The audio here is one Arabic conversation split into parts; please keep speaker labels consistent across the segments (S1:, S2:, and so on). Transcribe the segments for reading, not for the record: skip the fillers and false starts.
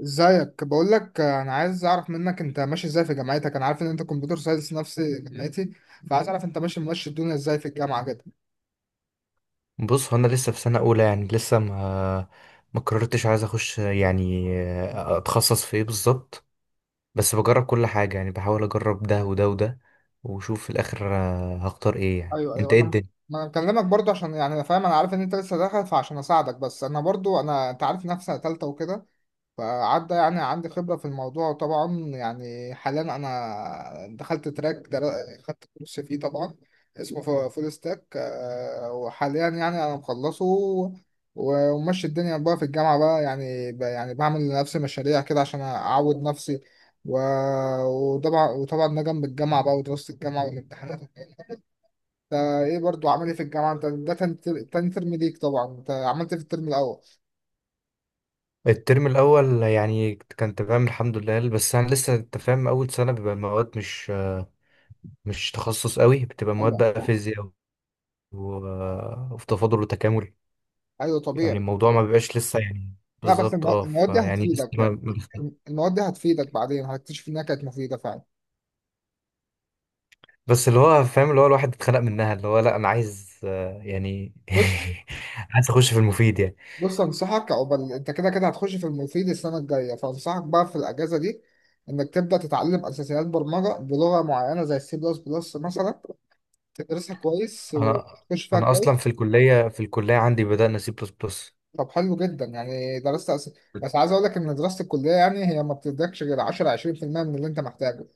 S1: ازيك، بقول لك انا عايز اعرف منك انت ماشي ازاي في جامعتك. انا عارف ان انت كمبيوتر ساينس نفس جامعتي، فعايز اعرف انت ماشي الدنيا ازاي في الجامعه كده.
S2: بص هو انا لسه في سنه اولى، يعني لسه ما قررتش عايز اخش، يعني اتخصص في ايه بالظبط. بس بجرب كل حاجه، يعني بحاول اجرب ده وده وده وشوف في الاخر هختار ايه. يعني
S1: ايوه
S2: انت
S1: ايوه،
S2: ايه
S1: انا
S2: الدنيا؟
S1: ما انا بكلمك برضه عشان يعني انا عارف ان انت لسه داخل، فعشان اساعدك. بس انا برضه انت عارف نفسي ثالثه وكده، فعدى يعني عندي خبرة في الموضوع طبعا. يعني حاليا أنا دخلت تراك خدت كورس فيه طبعا، اسمه فول ستاك، وحاليا يعني أنا مخلصه وماشي الدنيا بقى في الجامعة بقى. يعني يعني بعمل لنفسي مشاريع كده عشان أعود نفسي، و- وطبعا ده جنب الجامعة بقى، ودراسة الجامعة والامتحانات. انت ايه برضو؟ عامل ايه في الجامعة؟ انت ده تاني تاني ترم ليك طبعا، انت عملت إيه في الترم الأول؟
S2: الترم الاول يعني كان تمام الحمد لله، بس انا لسه انت فاهم اول سنه بيبقى المواد مش تخصص قوي، بتبقى مواد
S1: أيوة.
S2: بقى فيزياء وفي تفاضل وتكامل.
S1: أيوة،
S2: يعني
S1: طبيعي.
S2: الموضوع ما بيبقاش لسه يعني
S1: لا، بس
S2: بالظبط، اه
S1: المواد دي
S2: فيعني لسه
S1: هتفيدك يعني،
S2: ما
S1: المواد دي هتفيدك، بعدين هتكتشف انها كانت مفيدة فعلا.
S2: بس اللي هو فاهم، اللي هو الواحد اتخلق منها، اللي هو لا انا عايز يعني
S1: بص
S2: عايز اخش في المفيد يعني.
S1: بص انصحك، عقبال انت كده كده هتخش في المفيد السنة الجاية، فانصحك بقى في الاجازة دي انك تبدأ تتعلم اساسيات برمجة بلغة معينة زي السي بلس بلس مثلا، تدرسها كويس
S2: انا
S1: وتخش فيها
S2: انا
S1: كويس.
S2: اصلا في الكليه عندي بدأنا سي بلس بلس.
S1: طب حلو جدا، يعني درست بس عايز اقول لك ان دراسة الكلية يعني هي ما بتدكش غير 10 20% من اللي انت محتاجه،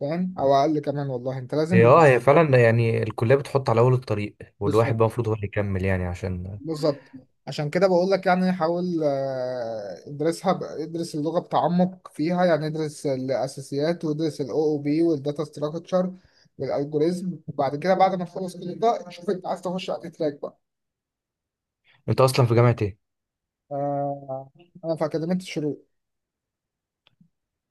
S1: فاهم؟ او اقل كمان والله، انت
S2: هي
S1: لازم.
S2: اه، هي فعلا يعني الكليه بتحط على اول الطريق، والواحد بقى
S1: بالظبط،
S2: المفروض هو اللي يكمل، يعني عشان.
S1: بالظبط. عشان كده بقول لك، يعني حاول، ادرسها ادرس اللغة بتعمق فيها، يعني ادرس الأساسيات، وادرس ال OOP والداتا ستراكشر والألجوريزم، وبعد كده بعد ما تخلص كل ده شوف انت عايز تخش على أي تراك بقى.
S2: انت اصلا في جامعه ايه؟
S1: آه، أنا في أكاديمية الشروق.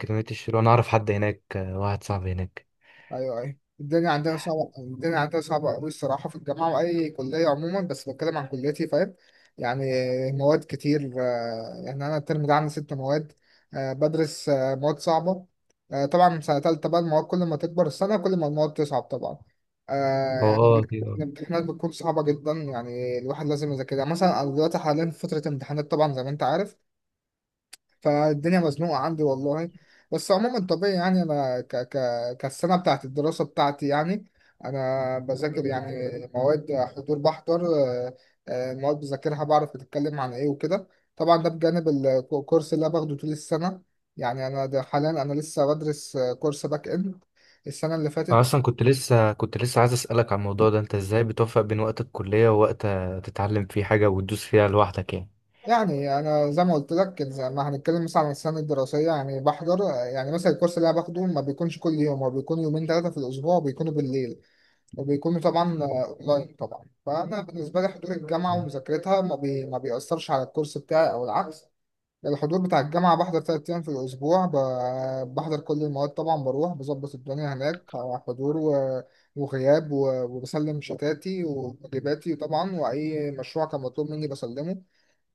S2: جامعه الشروق، انا اعرف حد هناك، واحد صاحبي هناك.
S1: ايوه ايوه، الدنيا عندنا صعبه، الدنيا عندنا صعبه قوي الصراحه، في الجامعه واي كليه عموما، بس بتكلم عن كليتي، فاهم يعني؟ مواد كتير، يعني انا الترم ده عندي 6 مواد، بدرس مواد صعبه. طبعا من سنه تالته بقى المواد، كل ما تكبر السنه كل ما المواد تصعب طبعا. آه،
S2: هو
S1: يعني
S2: اه أكيد، آه.
S1: الامتحانات بتكون صعبه جدا، يعني الواحد لازم يذاكرها. مثلا انا دلوقتي حاليا في فتره امتحانات طبعا زي ما انت عارف، فالدنيا مزنوقة عندي والله. بس عموما طبيعي يعني، أنا ك ك كالسنة بتاعت الدراسة بتاعتي يعني، أنا بذاكر يعني، مواد حضور بحضر، مواد بذاكرها، بعرف بتتكلم عن إيه وكده. طبعا ده بجانب الكورس اللي أنا باخده طول السنة. يعني أنا ده حاليا أنا لسه بدرس، كورس باك إند السنة اللي
S2: انا
S1: فاتت.
S2: اصلا كنت لسه عايز اسالك عن الموضوع ده، انت ازاي بتوفق بين وقت الكليه ووقت تتعلم فيه حاجه وتدوس فيها لوحدك يعني؟
S1: يعني أنا زي ما قلت لك، زي ما هنتكلم مثلا عن السنة الدراسية، يعني بحضر، يعني مثلا الكورس اللي أنا باخده ما بيكونش كل يوم، هو بيكون يومين ثلاثة في الأسبوع، وبيكونوا بالليل، وبيكون طبعا اونلاين طبعا. فانا بالنسبه لي حضور الجامعه ومذاكرتها ما بيأثرش على الكورس بتاعي او العكس. الحضور بتاع الجامعه بحضر 3 ايام في الاسبوع، بحضر كل المواد طبعا، بروح بظبط الدنيا هناك، حضور وغياب وبسلم شتاتي وواجباتي طبعا، واي مشروع كان مطلوب مني بسلمه.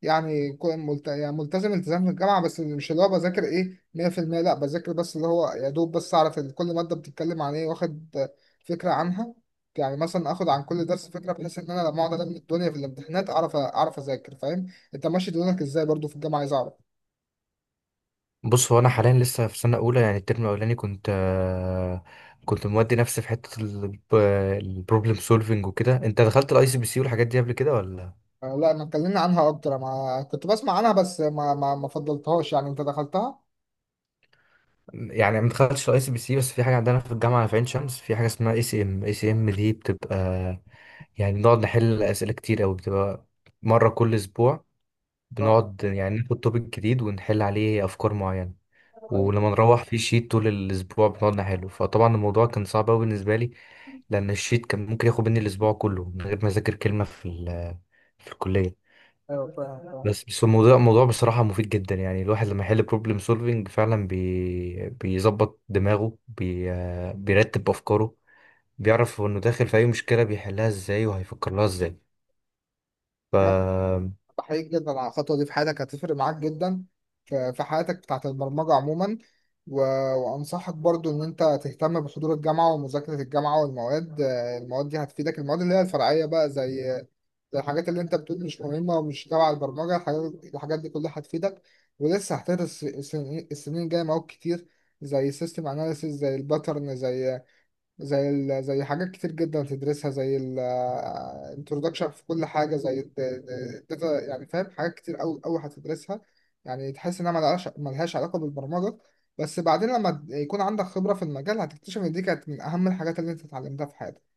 S1: يعني يعني ملتزم التزام في الجامعة. بس مش اللي هو بذاكر ايه 100%، لا بذاكر بس اللي هو يا دوب بس اعرف كل مادة بتتكلم عن ايه، واخد فكرة عنها. يعني مثلا اخد عن كل درس فكرة، بحيث ان انا لما اقعد الم الدنيا في الامتحانات اعرف، اعرف اذاكر، فاهم؟ انت ماشي دنياك ازاي برضو في الجامعة؟ عايز اعرف.
S2: بص، هو انا حاليا لسه في سنه اولى، يعني الترم الاولاني كنت كنت مودي نفسي في حته البروبلم سولفنج وكده. انت دخلت الاي سي بي سي والحاجات دي قبل كده ولا؟
S1: لا، ما اتكلمنا عنها، اكتر ما كنت بسمع عنها بس ما فضلتهاش، يعني انت دخلتها؟
S2: يعني ما دخلتش الاي سي بي سي، بس في حاجه عندنا في الجامعه في عين شمس، في حاجه اسمها اي سي ام، اي سي ام دي، بتبقى يعني بنقعد نحل اسئله كتير قوي، بتبقى مره كل اسبوع.
S1: اه.
S2: بنقعد يعني ناخد توبيك جديد ونحل عليه افكار معينه،
S1: ايوه
S2: ولما نروح في شيت طول الاسبوع بنقعد نحله. فطبعا الموضوع كان صعب قوي بالنسبه لي، لان الشيت كان ممكن ياخد مني الاسبوع كله من غير ما اذاكر كلمه في في الكليه.
S1: ايوه، فاهم فاهم.
S2: بس الموضوع، الموضوع بصراحه مفيد جدا، يعني الواحد لما يحل بروبلم سولفينج فعلا بيظبط دماغه، بي آه، بيرتب افكاره، بيعرف انه داخل في اي مشكله، بيحلها ازاي وهيفكر لها ازاي. ف
S1: بحييك جدا على الخطوة دي، في حياتك هتفرق معاك جدا، في في حياتك بتاعت البرمجة عموما. و... وأنصحك برضو إن أنت تهتم بحضور الجامعة ومذاكرة الجامعة والمواد، المواد دي هتفيدك، المواد اللي هي الفرعية بقى، زي زي الحاجات اللي أنت بتقول مش مهمة ومش تبع البرمجة، الحاجات دي كلها هتفيدك. ولسه هتدرس السنين، السنين الجاية مواد كتير، زي سيستم أناليسيس، زي الباترن، زي زي زي حاجات كتير جدا تدرسها، زي ال، introduction في كل حاجة، زي ال data، يعني فاهم؟ حاجات كتير أوي أوي هتدرسها، يعني تحس إنها ملهاش علاقة بالبرمجة، بس بعدين لما يكون عندك خبرة في المجال هتكتشف إن دي كانت من أهم الحاجات اللي أنت اتعلمتها في حياتك.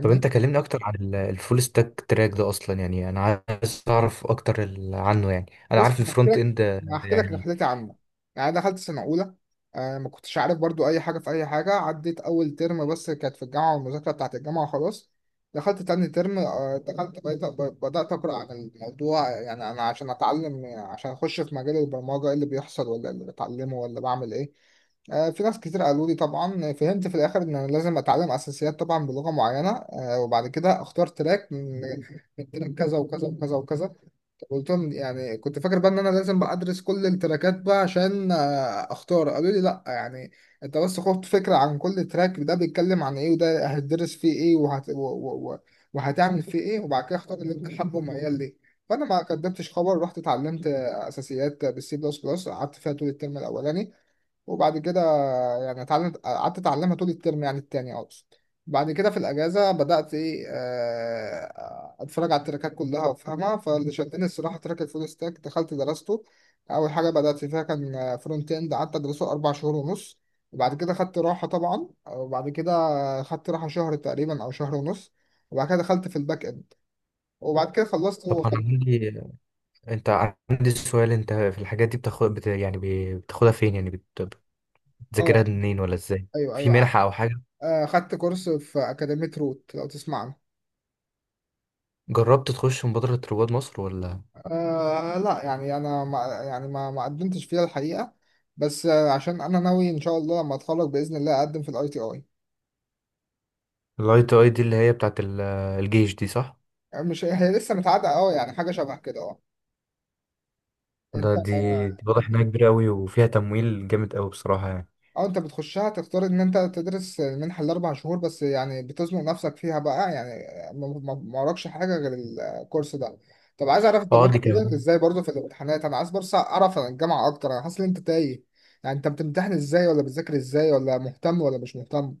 S2: طب انت كلمني اكتر عن الفول ستاك تراك ده، اصلا يعني انا عايز اعرف اكتر عنه يعني. انا
S1: بص
S2: عارف
S1: أنا هحكي
S2: الفرونت
S1: لك،
S2: اند،
S1: أنا هحكي لك
S2: يعني.
S1: رحلتي عامة. يعني أنا دخلت سنة أولى، آه ما كنتش عارف برضو أي حاجة في أي حاجة، عديت أول ترم بس كانت في الجامعة والمذاكرة بتاعت الجامعة خلاص. دخلت تاني ترم، آه دخلت بقيت بدأت أقرأ عن الموضوع، يعني أنا عشان أتعلم، عشان أخش في مجال البرمجة، إيه اللي بيحصل ولا إيه اللي بتعلمه، ولا بعمل إيه. في ناس كتير قالوا لي، طبعا فهمت في الاخر ان انا لازم اتعلم اساسيات طبعا بلغه معينه، وبعد كده اختار تراك من تراك كذا وكذا وكذا وكذا. قلتهم يعني كنت فاكر بقى ان انا لازم بقى ادرس كل التراكات بقى عشان اختار. قالوا لي لا، يعني انت بس خد فكره عن كل تراك ده بيتكلم عن ايه، وده هتدرس فيه ايه، وهتعمل فيه ايه، وبعد كده اختار اللي انت حابه وميال ليه. فانا ما قدمتش خبر، رحت اتعلمت اساسيات بالسي بلس بلس، قعدت فيها طول الترم الاولاني. وبعد كده يعني اتعلمت، قعدت اتعلمها طول الترم، يعني التاني اقصد. بعد كده في الاجازه بدات ايه، اتفرج على التراكات كلها وافهمها، فاللي شدني الصراحه تراك الفول ستاك، دخلت درسته. اول حاجه بدات فيها كان فرونت اند، قعدت ادرسه 4 شهور ونص. وبعد كده خدت راحه طبعا، وبعد كده خدت راحه شهر تقريبا او شهر ونص، وبعد كده دخلت في الباك اند، وبعد كده خلصت
S2: طب انا
S1: وخدت.
S2: عندي، انت عندي سؤال، انت في الحاجات دي بتاخدها فين؟ يعني بتذاكرها
S1: اه،
S2: منين ولا ازاي؟
S1: ايوه
S2: في
S1: ايوه.
S2: منحة او حاجة؟
S1: خدت كورس في اكاديميه روت، لو تسمع عنها.
S2: جربت تخش مبادرة رواد مصر ولا؟
S1: آه لا، يعني انا ما يعني ما قدمتش فيها الحقيقه، بس آه عشان انا ناوي ان شاء الله لما اتخرج باذن الله اقدم في الاي تي اي.
S2: الاي تي اي دي اللي هي بتاعت الجيش دي، صح؟
S1: مش هي لسه متعادة، اه يعني حاجه شبه كده، اه. انت،
S2: ده دي, دي واضح
S1: انت
S2: انها كبيرة قوي وفيها تمويل جامد قوي بصراحة يعني.
S1: اه انت بتخشها تختار ان انت تدرس المنحه ال4 شهور بس، يعني بتزنق نفسك فيها بقى، يعني ما وراكش حاجه غير الكورس ده. طب عايز اعرف انت
S2: اه
S1: ماشي
S2: دي
S1: كده
S2: كمان.
S1: ازاي برضه في الامتحانات. انا عايز بس اعرف عن الجامعه اكتر، انا حاسس ان انت تايه. يعني انت بتمتحن ازاي، ولا بتذاكر ازاي، ولا مهتم ولا مش مهتم؟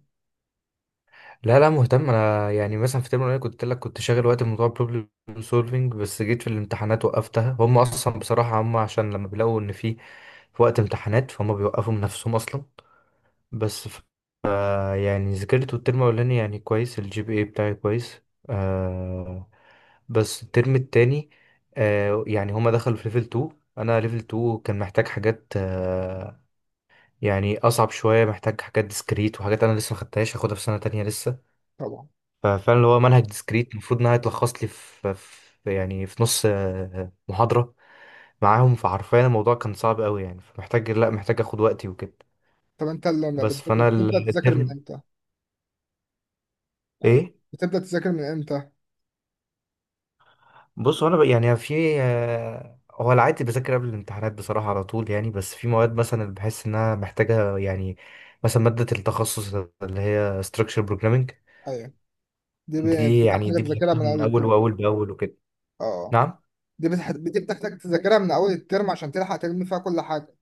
S2: لا لا، مهتم انا، يعني مثلا في ترم الاولاني كنت لك كنت شاغل وقت بموضوع بروبلم سولفينج، بس جيت في الامتحانات وقفتها. هم اصلا بصراحة هم عشان لما بيلاقوا ان في في وقت امتحانات فهم بيوقفوا من نفسهم اصلا. بس يعني ذاكرت الترم الأولاني يعني كويس، الجي بي اي بتاعي كويس آه. بس الترم التاني آه، يعني هما دخلوا في ليفل 2. أنا ليفل 2 كان محتاج حاجات آه، يعني أصعب شوية، محتاج حاجات ديسكريت وحاجات أنا لسه مخدتهاش، هاخدها في سنة تانية لسه.
S1: طبعا.
S2: ففعلا اللي هو منهج ديسكريت المفروض إنها تلخص لي في يعني في نص آه محاضرة معاهم، فحرفيا الموضوع كان صعب أوي يعني، فمحتاج لأ، محتاج أخد وقتي وكده.
S1: طب انت لما
S2: بس
S1: بتذاكر،
S2: فأنا
S1: بتبدأ تذاكر من
S2: الترم
S1: امتى؟ يعني
S2: إيه؟
S1: بتبدأ تذاكر من امتى؟
S2: بص هو انا ب- يعني في آه، هو العادي بذاكر قبل الامتحانات بصراحه على طول يعني، بس في مواد مثلا اللي بحس انها محتاجه، يعني مثلا ماده التخصص اللي هي structure programming.
S1: ايوه، دي ب...
S2: دي
S1: دي
S2: يعني
S1: بحتاج
S2: دي
S1: تذاكرها
S2: بذاكرها
S1: من
S2: من
S1: اول
S2: اول،
S1: الترم.
S2: واول باول وكده.
S1: اه،
S2: نعم.
S1: دي بتحتاج تذاكرها من اول الترم عشان تلحق تلم فيها كل حاجة.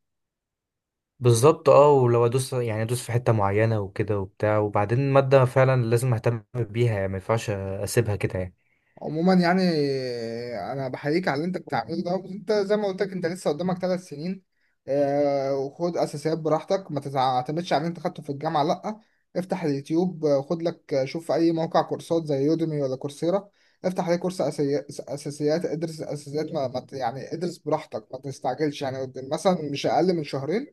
S2: بالظبط اه، ولو ادوس يعني ادوس في حته معينه وكده وبتاع، وبعدين ماده فعلا لازم اهتم بيها، يعني ما ينفعش اسيبها كده يعني.
S1: عموما يعني، انا بحييك على اللي انت بتعمله ده. انت زي ما قلت لك، انت لسه قدامك 3 سنين، وخد اساسيات براحتك، ما تعتمدش على اللي انت خدته في الجامعه لا، افتح اليوتيوب، خد لك، شوف في اي موقع كورسات زي يوديمي ولا كورسيرا، افتح عليه كورس اساسيات، ادرس اساسيات، ما ما ت- يعني ادرس براحتك ما تستعجلش، يعني مثلا مش اقل من شهرين،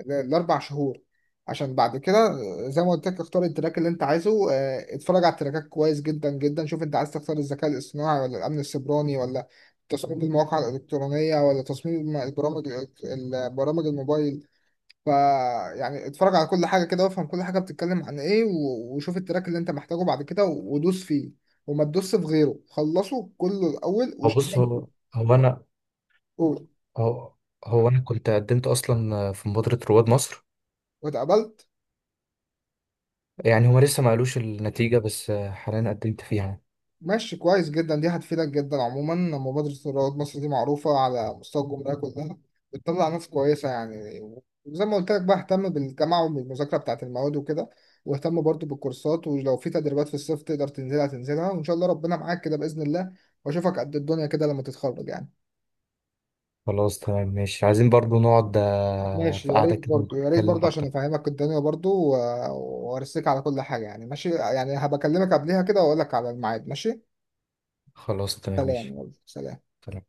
S1: ال4 شهور. عشان بعد كده زي ما قلت لك اختار التراك اللي انت عايزه، اتفرج على التراكات كويس جدا جدا، شوف انت عايز تختار الذكاء الاصطناعي، ولا الامن السيبراني، ولا تصميم المواقع الالكترونيه، ولا تصميم البرامج، الموبايل. ف يعني اتفرج على كل حاجه كده، وافهم كل حاجه بتتكلم عن ايه، وشوف التراك اللي انت محتاجه بعد كده، ودوس فيه وما تدوس في غيره، خلصه كله الاول
S2: هو بص
S1: واشتغل.
S2: هو هو انا
S1: قول.
S2: هو, هو انا كنت قدمت اصلا في مبادره رواد مصر،
S1: واتقبلت؟
S2: يعني هما لسه ما قالوش النتيجة، بس آه، حاليا قدمت فيها يعني.
S1: ماشي، كويس جدا، دي هتفيدك جدا. عموما مبادرة رواد مصر دي معروفة على مستوى الجمهورية كلها، بتطلع ناس كويسة يعني. وزي ما قلت لك بقى، اهتم بالجامعة وبالمذاكرة بتاعة المواد وكده، واهتم برضو بالكورسات، ولو في تدريبات في الصيف تقدر تنزلها تنزلها، وإن شاء الله ربنا معاك كده بإذن الله، وأشوفك قد الدنيا كده لما تتخرج يعني.
S2: خلاص تمام ماشي، عايزين برضو نقعد
S1: ماشي،
S2: في
S1: يا ريت
S2: قعدة كده
S1: برضو، يا ريت
S2: نتكلم
S1: برضو عشان
S2: أكتر.
S1: أفهمك الدنيا برضو، وأرسيك على كل حاجة، يعني ماشي يعني، هبكلمك قبلها كده وأقول لك على الميعاد، ماشي.
S2: خلاص تمام
S1: سلام،
S2: ماشي.
S1: يلا سلام.
S2: تمام.